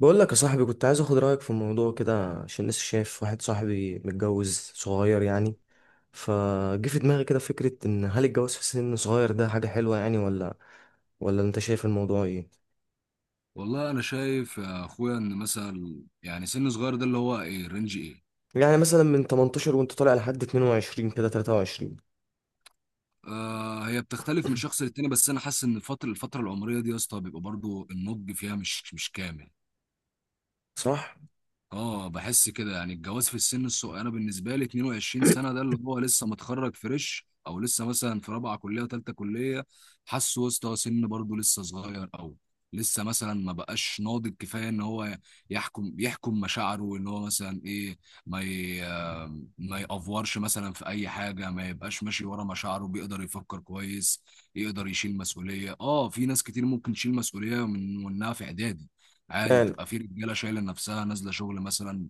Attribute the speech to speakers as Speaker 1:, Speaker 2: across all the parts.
Speaker 1: بقول لك يا صاحبي، كنت عايز اخد رايك في الموضوع كده عشان لسه شايف واحد صاحبي متجوز صغير يعني. فجه في دماغي كده فكره ان هل الجواز في سن صغير ده حاجه حلوه يعني، ولا انت شايف الموضوع ايه؟
Speaker 2: والله انا شايف يا اخويا ان مثلا يعني سن صغير ده اللي هو ايه، رينج ايه؟
Speaker 1: يعني مثلا من 18 وانت طالع لحد 22 كده 23.
Speaker 2: آه، هي بتختلف من شخص للتاني، بس انا حاسس ان الفتره العمريه دي يا اسطى بيبقى برضو النضج فيها مش كامل.
Speaker 1: صح؟
Speaker 2: اه، بحس كده يعني الجواز في السن الصغير، انا بالنسبه لي 22 سنه ده اللي هو لسه متخرج فريش، او لسه مثلا في رابعه كليه، ثالثه كليه. حاسه يا اسطى سن برضو لسه صغير، او لسه مثلا ما بقاش ناضج كفايه ان هو يحكم مشاعره، ان هو مثلا ايه، ما ي... ما يأفورش مثلا في اي حاجه، ما يبقاش ماشي ورا مشاعره، بيقدر يفكر كويس، يقدر يشيل مسؤوليه. اه، في ناس كتير ممكن تشيل مسؤوليه من وانها في اعدادي، عادي.
Speaker 1: يعني
Speaker 2: بتبقى في رجاله شايله نفسها نازله شغل مثلا،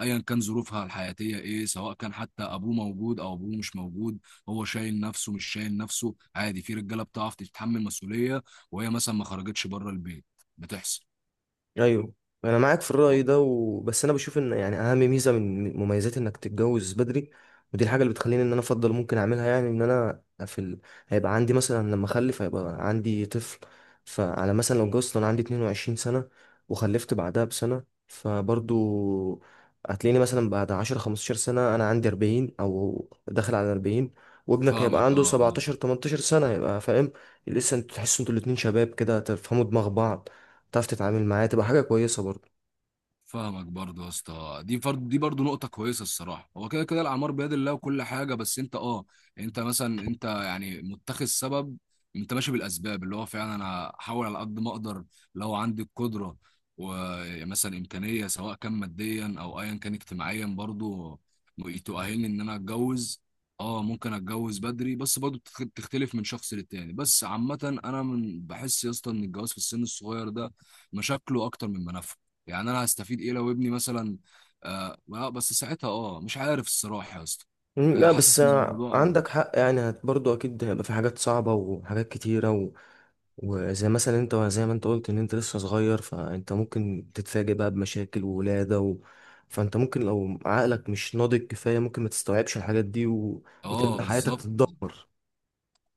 Speaker 2: ايا كان ظروفها الحياتيه ايه، سواء كان حتى ابوه موجود او ابوه مش موجود. هو شايل نفسه مش شايل نفسه، عادي. في رجاله بتعرف تتحمل مسؤوليه، وهي مثلا ما خرجتش بره البيت، بتحصل.
Speaker 1: ايوه انا معاك في الرأي ده بس انا بشوف ان يعني اهم ميزة من مميزات انك تتجوز بدري، ودي الحاجة اللي بتخليني ان انا افضل ممكن اعملها، يعني ان انا في هيبقى عندي مثلا لما اخلف هيبقى عندي طفل. فانا مثلا لو اتجوزت وانا عندي 22 سنة وخلفت بعدها بسنة، فبرضو هتلاقيني مثلا بعد 10 15 سنة انا عندي 40 او داخل على 40، وابنك هيبقى
Speaker 2: فاهمك،
Speaker 1: عنده
Speaker 2: اه اه.
Speaker 1: 17 18 سنة هيبقى فاهم. لسه انتوا تحسوا انتوا الاتنين شباب كده، تفهموا دماغ بعض، تعرف تتعامل معاه، تبقى حاجة كويسة برضه.
Speaker 2: فاهمك برضه يا اسطى، دي فرض، دي برضه نقطة كويسة الصراحة. هو كده كده الأعمار بيد الله، وكل حاجة، بس أنت أه، أنت مثلا أنت يعني متخذ سبب، أنت ماشي بالأسباب، اللي هو فعلا أنا هحاول على قد ما أقدر. لو عندي القدرة ومثلا إمكانية، سواء كان ماديا أو أيا كان اجتماعيا برضه، تؤهلني إن أنا أتجوز، أه ممكن أتجوز بدري، بس برضه بتختلف من شخص للتاني. بس عامة أنا من بحس يا اسطى إن الجواز في السن الصغير ده مشاكله أكتر من منافعه. يعني انا هستفيد ايه لو ابني مثلا، آه آه، بس ساعتها مش عارف الصراحه يا اسطى. آه،
Speaker 1: لا بس
Speaker 2: حاسس ان الموضوع،
Speaker 1: عندك حق، يعني برضه أكيد هيبقى في حاجات صعبة وحاجات كتيرة وزي مثلا أنت، زي ما أنت قلت إن أنت لسه صغير، فأنت ممكن تتفاجئ بقى بمشاكل وولادة فأنت ممكن لو عقلك مش ناضج كفاية ممكن ما تستوعبش الحاجات دي
Speaker 2: اه
Speaker 1: وتبدأ حياتك
Speaker 2: بالظبط.
Speaker 1: تتدمر.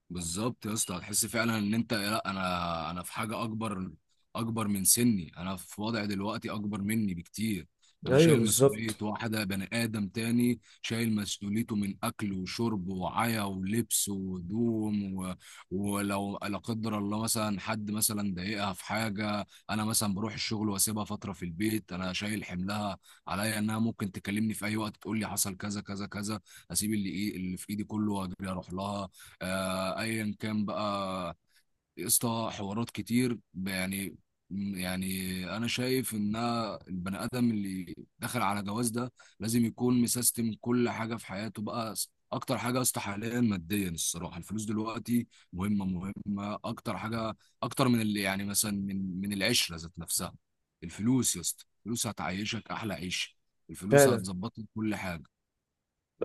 Speaker 2: بالظبط يا اسطى، هتحس فعلا ان انت لا، انا في حاجه اكبر، اكبر من سني، انا في وضع دلوقتي اكبر مني بكتير. انا
Speaker 1: أيوه
Speaker 2: شايل مسؤوليه
Speaker 1: بالظبط.
Speaker 2: واحده بني ادم تاني، شايل مسؤوليته من اكل وشرب وعيا ولبس وهدوم ولو لا قدر الله مثلا حد مثلا ضايقها في حاجه، انا مثلا بروح الشغل واسيبها فتره في البيت، انا شايل حملها عليا انها ممكن تكلمني في اي وقت تقول لي حصل كذا كذا كذا، اسيب اللي ايه اللي في ايدي كله واجري اروح لها. آه، ايا كان بقى، قصة حوارات كتير يعني. يعني انا شايف ان البني ادم اللي دخل على جواز ده لازم يكون مسيستم كل حاجه في حياته بقى. اكتر حاجه يا اسطى حاليا ماديا الصراحه، الفلوس دلوقتي مهمه مهمه، اكتر حاجه، اكتر من اللي يعني مثلا من العشره ذات نفسها. الفلوس يا اسطى، الفلوس هتعيشك احلى عيش، الفلوس
Speaker 1: فعلا.
Speaker 2: هتظبط لك كل حاجه.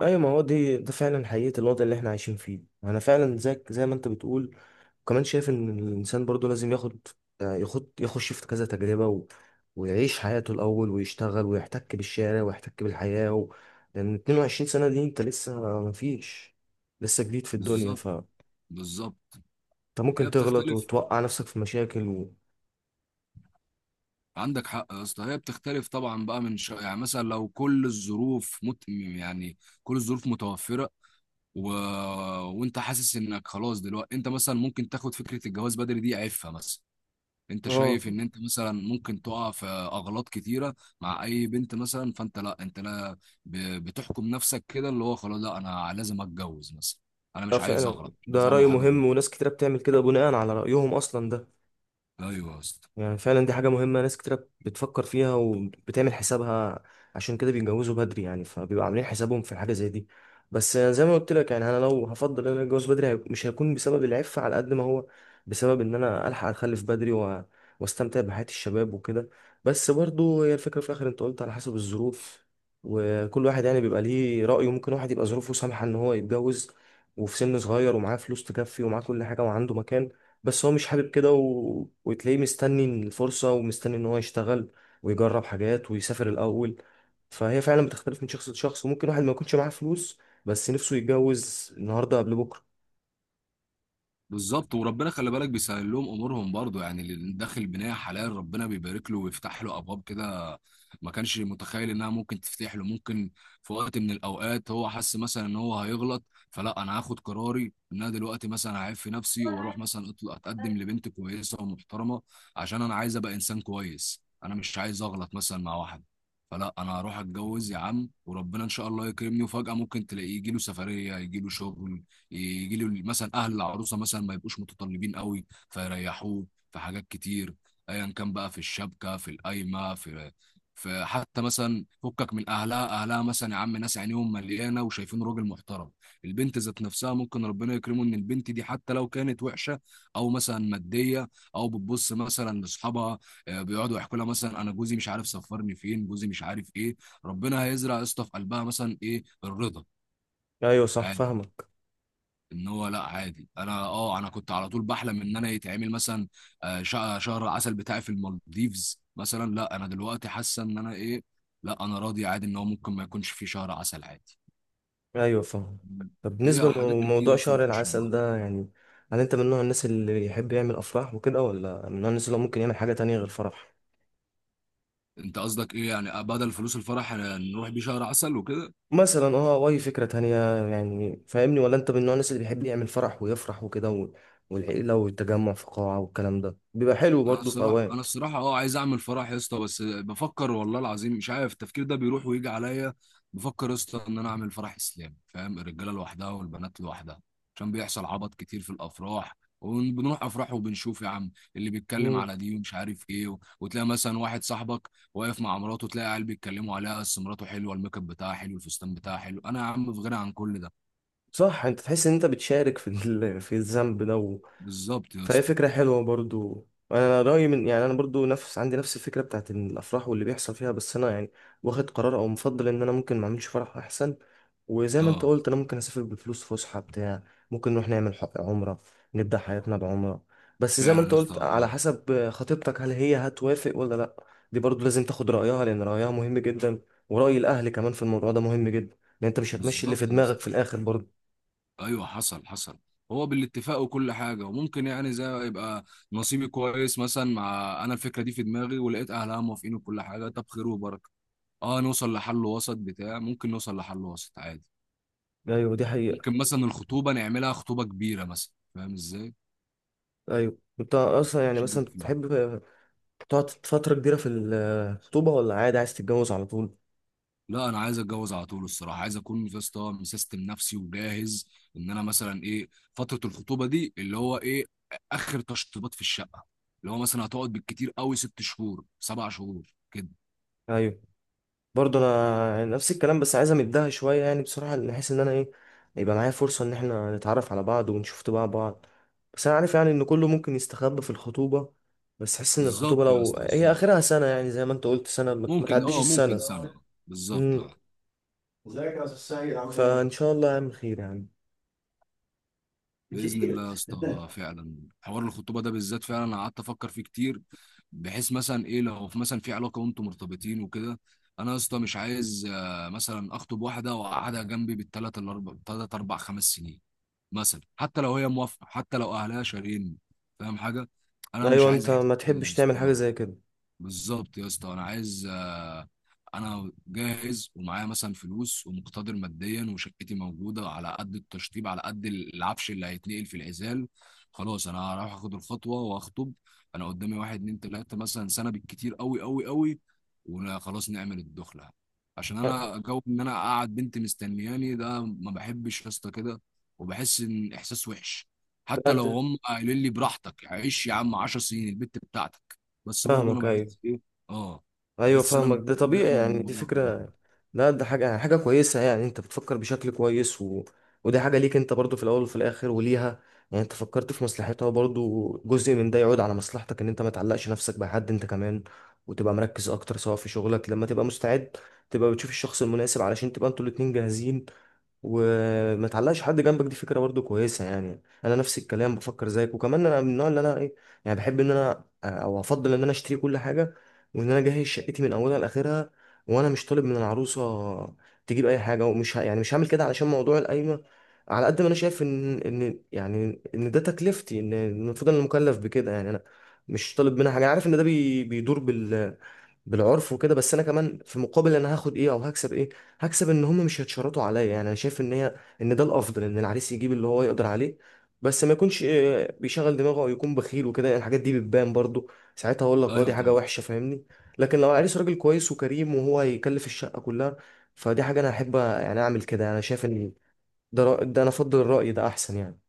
Speaker 1: أيوه، ما هو دي ده فعلا حقيقة الوضع اللي إحنا عايشين فيه. أنا فعلا زيك زي ما أنت بتقول، وكمان شايف ان الانسان برضو لازم ياخد يخش في كذا تجربه ويعيش حياته الاول ويشتغل ويحتك بالشارع ويحتك بالحياه لان 22 سنه دي انت لسه ما فيش، لسه جديد في الدنيا،
Speaker 2: بالظبط.
Speaker 1: فانت
Speaker 2: بالظبط،
Speaker 1: ممكن
Speaker 2: هي
Speaker 1: تغلط
Speaker 2: بتختلف.
Speaker 1: وتوقع نفسك في مشاكل
Speaker 2: عندك حق يا اسطى، هي بتختلف طبعا بقى، من شا... يعني مثلا لو كل الظروف يعني كل الظروف متوفره، و... وانت حاسس انك خلاص دلوقتي، انت مثلا ممكن تاخد فكره الجواز بدري دي عيبها مثلا، انت
Speaker 1: اه.
Speaker 2: شايف ان انت مثلا ممكن تقع في اغلاط كتيره مع اي بنت مثلا، فانت لا، انت لا، ب... بتحكم نفسك كده، اللي هو خلاص لا انا لازم اتجوز مثلا، انا
Speaker 1: ده
Speaker 2: مش عايز
Speaker 1: فعلا.
Speaker 2: اغلط، مش
Speaker 1: ده
Speaker 2: عايز اعمل
Speaker 1: رأي
Speaker 2: حاجه غلط.
Speaker 1: مهم، وناس كتيرة بتعمل كده بناء على رأيهم أصلا ده.
Speaker 2: ايوه يا اسطى،
Speaker 1: يعني فعلا دي حاجة مهمة، ناس كتير بتفكر فيها وبتعمل حسابها، عشان كده بيتجوزوا بدري يعني، فبيبقوا عاملين حسابهم في حاجة زي دي. بس زي ما قلت لك يعني انا لو هفضل ان انا اتجوز بدري مش هيكون بسبب العفة على قد ما هو بسبب ان انا الحق اخلف بدري واستمتع بحياة الشباب وكده. بس برضو هي الفكرة في الاخر، انت قلت على حسب الظروف، وكل واحد يعني بيبقى ليه رأيه. ممكن واحد يبقى ظروفه سامحة ان هو يتجوز وفي سن صغير، ومعاه فلوس تكفي، ومعاه كل حاجة، وعنده مكان، بس هو مش حابب كده وتلاقيه مستني الفرصة ومستني ان هو يشتغل ويجرب حاجات ويسافر الاول. فهي فعلا بتختلف من شخص لشخص، وممكن واحد ما يكونش معاه فلوس بس نفسه يتجوز النهاردة قبل بكرة.
Speaker 2: بالظبط. وربنا خلي بالك بيسهل لهم امورهم برضو، يعني اللي داخل بنايه حلال ربنا بيبارك له ويفتح له ابواب كده ما كانش متخيل انها ممكن تفتح له. ممكن في وقت من الاوقات هو حس مثلا ان هو هيغلط، فلا، انا هاخد قراري ان انا دلوقتي مثلا هعيب في نفسي واروح مثلا اتقدم لبنت كويسه ومحترمه، عشان انا عايز ابقى انسان كويس، انا مش عايز اغلط مثلا مع واحد. فلا، انا هروح اتجوز يا عم، وربنا ان شاء الله يكرمني. وفجاه ممكن تلاقيه يجي له سفريه، يجي له شغل، يجي له مثلا اهل العروسه مثلا ما يبقوش متطلبين قوي فيريحوه، في حاجات كتير، ايا كان بقى، في الشبكه، في القايمه، في في حتى مثلا فكك من اهلها، اهلها مثلا يا عم ناس عينيهم مليانه وشايفين راجل محترم. البنت ذات نفسها ممكن ربنا يكرمه ان البنت دي حتى لو كانت وحشه، او مثلا ماديه، او بتبص مثلا لاصحابها، آه، بيقعدوا يحكوا لها مثلا انا جوزي مش عارف سفرني فين، جوزي مش عارف ايه، ربنا هيزرع يا اسطى في قلبها مثلا ايه الرضا،
Speaker 1: ايوه صح، فاهمك.
Speaker 2: ان هو لا، عادي. انا انا كنت على طول بحلم ان انا يتعمل مثلا آه، شهر عسل بتاعي في المالديفز مثلا، لا انا دلوقتي حاسه ان انا ايه، لا انا راضي عادي، ان هو ممكن ما يكونش فيه شهر عسل عادي.
Speaker 1: ايوه فاهم. طب
Speaker 2: هي
Speaker 1: بالنسبة
Speaker 2: حاجات
Speaker 1: لموضوع
Speaker 2: كتير اصلا
Speaker 1: شهر
Speaker 2: بتخش في
Speaker 1: العسل
Speaker 2: بعض.
Speaker 1: ده يعني، هل انت من نوع الناس اللي يحب يعمل افراح وكده، ولا من نوع الناس اللي هو ممكن يعمل حاجة تانية غير فرح؟
Speaker 2: انت قصدك ايه يعني، آه، بدل فلوس الفرح آه، نروح بيه شهر عسل وكده؟
Speaker 1: مثلا اه او اي فكره تانية، يعني فاهمني؟ ولا انت من نوع الناس اللي بيحب يعمل فرح ويفرح وكده والعيله والتجمع في قاعه والكلام ده بيبقى حلو
Speaker 2: انا
Speaker 1: برضه في
Speaker 2: الصراحه، انا
Speaker 1: اوقات.
Speaker 2: الصراحه اه عايز اعمل فرح يا اسطى، بس بفكر والله العظيم، مش عارف التفكير ده بيروح ويجي عليا. بفكر يا اسطى ان انا اعمل فرح اسلامي، فاهم، الرجاله لوحدها والبنات لوحدها، عشان بيحصل عبط كتير في الافراح. وبنروح افراح وبنشوف يا عم اللي بيتكلم
Speaker 1: مم.
Speaker 2: على دي ومش عارف ايه وتلاقي مثلا واحد صاحبك واقف مع مراته، تلاقي عيال بيتكلموا عليها، بس مراته حلوه، الميك اب بتاعها حلو، الفستان بتاعها حلو، انا يا عم في غنى عن كل ده.
Speaker 1: صح. انت تحس ان انت بتشارك في في الذنب ده.
Speaker 2: بالظبط يا
Speaker 1: فهي
Speaker 2: اسطى،
Speaker 1: فكرة حلوة برضو. أنا رأيي من يعني، أنا برضو نفس عندي نفس الفكرة بتاعت إن الأفراح واللي بيحصل فيها، بس أنا يعني واخد قرار أو مفضل إن أنا ممكن ما أعملش فرح أحسن. وزي ما أنت
Speaker 2: اه.
Speaker 1: قلت، أنا ممكن أسافر بفلوس فسحة بتاع، ممكن نروح نعمل عمرة، نبدأ حياتنا بعمرة. بس زي ما
Speaker 2: فعلا يا
Speaker 1: أنت
Speaker 2: اسطى،
Speaker 1: قلت على
Speaker 2: اه
Speaker 1: حسب خطيبتك هل هي هتوافق ولا لأ. دي برضو لازم تاخد رأيها لأن رأيها مهم جدا، ورأي الأهل كمان في الموضوع ده مهم جدا، لأن أنت مش هتمشي اللي في
Speaker 2: بالظبط يا
Speaker 1: دماغك
Speaker 2: اسطى.
Speaker 1: في الآخر برضو.
Speaker 2: ايوه حصل حصل، هو بالاتفاق وكل حاجه. وممكن يعني زي يبقى نصيبي كويس مثلا مع انا الفكره دي في دماغي، ولقيت اهلها موافقين وكل حاجه، طب خير وبركه، اه نوصل لحل وسط بتاع، ممكن نوصل لحل وسط عادي.
Speaker 1: أيوة دي حقيقة.
Speaker 2: ممكن مثلا الخطوبه نعملها خطوبه كبيره مثلا، فاهم ازاي،
Speaker 1: أيوة، انت اصلا يعني مثلا
Speaker 2: شريك فيها.
Speaker 1: بتحب تقعد فترة كبيرة في الخطوبة، ولا عادي عايز تتجوز على طول؟
Speaker 2: لا انا عايز اتجوز على طول الصراحه. عايز اكون يا اسطى مسيستم نفسي وجاهز، ان انا مثلا ايه، فتره الخطوبه دي اللي هو ايه اخر تشطيبات في الشقه، اللي هو مثلا هتقعد بالكتير قوي ست شهور، سبع شهور كده.
Speaker 1: ايوه برضه انا يعني نفس الكلام، بس عايز امدها شوية يعني بصراحة، بحيث ان انا ايه، يبقى معايا فرصة ان احنا نتعرف على بعض ونشوف طباع بعض. بس انا عارف يعني ان كله ممكن يستخبى في الخطوبة، بس حس ان الخطوبة
Speaker 2: بالظبط يا
Speaker 1: لو
Speaker 2: اسطى،
Speaker 1: هي
Speaker 2: بالظبط.
Speaker 1: اخرها سنة يعني زي ما انت قلت سنة، ما
Speaker 2: ممكن
Speaker 1: تعديش
Speaker 2: اه ممكن
Speaker 1: السنة.
Speaker 2: سنة آه. بالظبط
Speaker 1: امم.
Speaker 2: اه.
Speaker 1: فان شاء الله يعمل خير يعني.
Speaker 2: بإذن الله يا اسطى، آه، فعلا حوار الخطوبة ده بالذات فعلا أنا قعدت أفكر فيه كتير. بحيث مثلا إيه لو في مثلا في علاقة وأنتم مرتبطين وكده، أنا يا اسطى مش عايز آه، مثلا أخطب واحدة وأقعدها جنبي بالتلات الأربع، تلات أربع خمس سنين مثلا، حتى لو هي موافقة، حتى لو أهلها شارين، فاهم حاجة، أنا مش
Speaker 1: ايوه،
Speaker 2: عايز
Speaker 1: انت
Speaker 2: أحس
Speaker 1: ما
Speaker 2: كده يا
Speaker 1: تحبش
Speaker 2: اسطى،
Speaker 1: تعمل حاجة
Speaker 2: اه.
Speaker 1: زي كده.
Speaker 2: بالظبط يا اسطى، انا عايز آه، انا جاهز ومعايا مثلا فلوس، ومقتدر ماديا، وشقتي موجوده على قد التشطيب، على قد العفش اللي هيتنقل في العزال. خلاص انا هروح اخد الخطوه واخطب، انا قدامي واحد اتنين تلاته مثلا سنه بالكتير قوي قوي قوي، وخلاص نعمل الدخله. عشان انا جو ان انا اقعد بنتي مستنياني ده ما بحبش يا اسطى كده، وبحس ان احساس وحش،
Speaker 1: لا،
Speaker 2: حتى لو هم قايلين لي براحتك عيش يا عم 10 سنين البت بتاعتك، بس برضه انا
Speaker 1: فاهمك. ايوه
Speaker 2: بحس ايه، اه
Speaker 1: ايوه
Speaker 2: بحس انا
Speaker 1: فاهمك،
Speaker 2: من
Speaker 1: ده
Speaker 2: جوايا
Speaker 1: طبيعي
Speaker 2: ان
Speaker 1: يعني، دي
Speaker 2: الموضوع.
Speaker 1: فكره. لا ده حاجه كويسه، يعني انت بتفكر بشكل كويس ودي حاجه ليك انت برضو في الاول وفي الاخر، وليها. يعني انت فكرت في مصلحتها، وبرضو جزء من ده يعود على مصلحتك، ان انت ما تعلقش نفسك بحد، انت كمان وتبقى مركز اكتر سواء في شغلك، لما تبقى مستعد تبقى بتشوف الشخص المناسب علشان تبقى انتوا الاتنين جاهزين وما تعلقش حد جنبك. دي فكره برضو كويسه يعني. انا نفس الكلام بفكر زيك، وكمان انا من النوع اللي انا ايه، يعني بحب ان انا او افضل ان انا اشتري كل حاجه، وان انا اجهز شقتي من اولها لاخرها، وانا مش طالب من العروسه تجيب اي حاجه، ومش يعني مش هعمل كده علشان موضوع القايمه. على قد ما انا شايف ان يعني ان ده تكلفتي، ان المفروض انا مكلف بكده، يعني انا مش طالب منها حاجه. عارف ان ده بيدور بال، بالعرف وكده، بس انا كمان في مقابل انا هاخد ايه او هكسب ايه؟ هكسب ان هم مش هيتشرطوا عليا. يعني انا شايف ان هي ان ده الافضل، ان العريس يجيب اللي هو يقدر عليه، بس ما يكونش بيشغل دماغه او يكون بخيل وكده، يعني الحاجات دي بتبان برضو ساعتها. اقول
Speaker 2: آه.
Speaker 1: لك اه، دي
Speaker 2: ايوه
Speaker 1: حاجه
Speaker 2: طبعا.
Speaker 1: وحشه، فاهمني؟ لكن لو العريس راجل كويس وكريم، وهو هيكلف الشقه كلها، فدي حاجه انا احب يعني اعمل كده. انا شايف ان ده ده انا افضل الراي ده احسن يعني.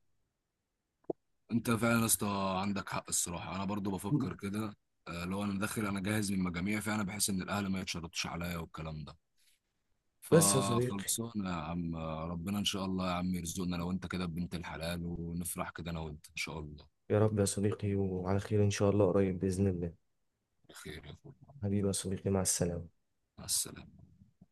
Speaker 2: انت فعلا يا اسطى عندك حق الصراحه، انا برضه بفكر كده، آه، لو انا داخل انا جاهز من المجاميع، فعلا بحس ان الاهل ما يتشرطوش عليا والكلام ده.
Speaker 1: بس يا صديقي،
Speaker 2: فخلصونا يا عم، آه، ربنا ان شاء الله يا عم يرزقنا لو انت كده بنت الحلال، ونفرح كده انا وانت ان شاء الله.
Speaker 1: يا رب يا صديقي، وعلى خير ان شاء الله قريب باذن الله.
Speaker 2: بخير يا اخويا،
Speaker 1: حبيبي يا صديقي، مع السلامه.
Speaker 2: مع السلامه.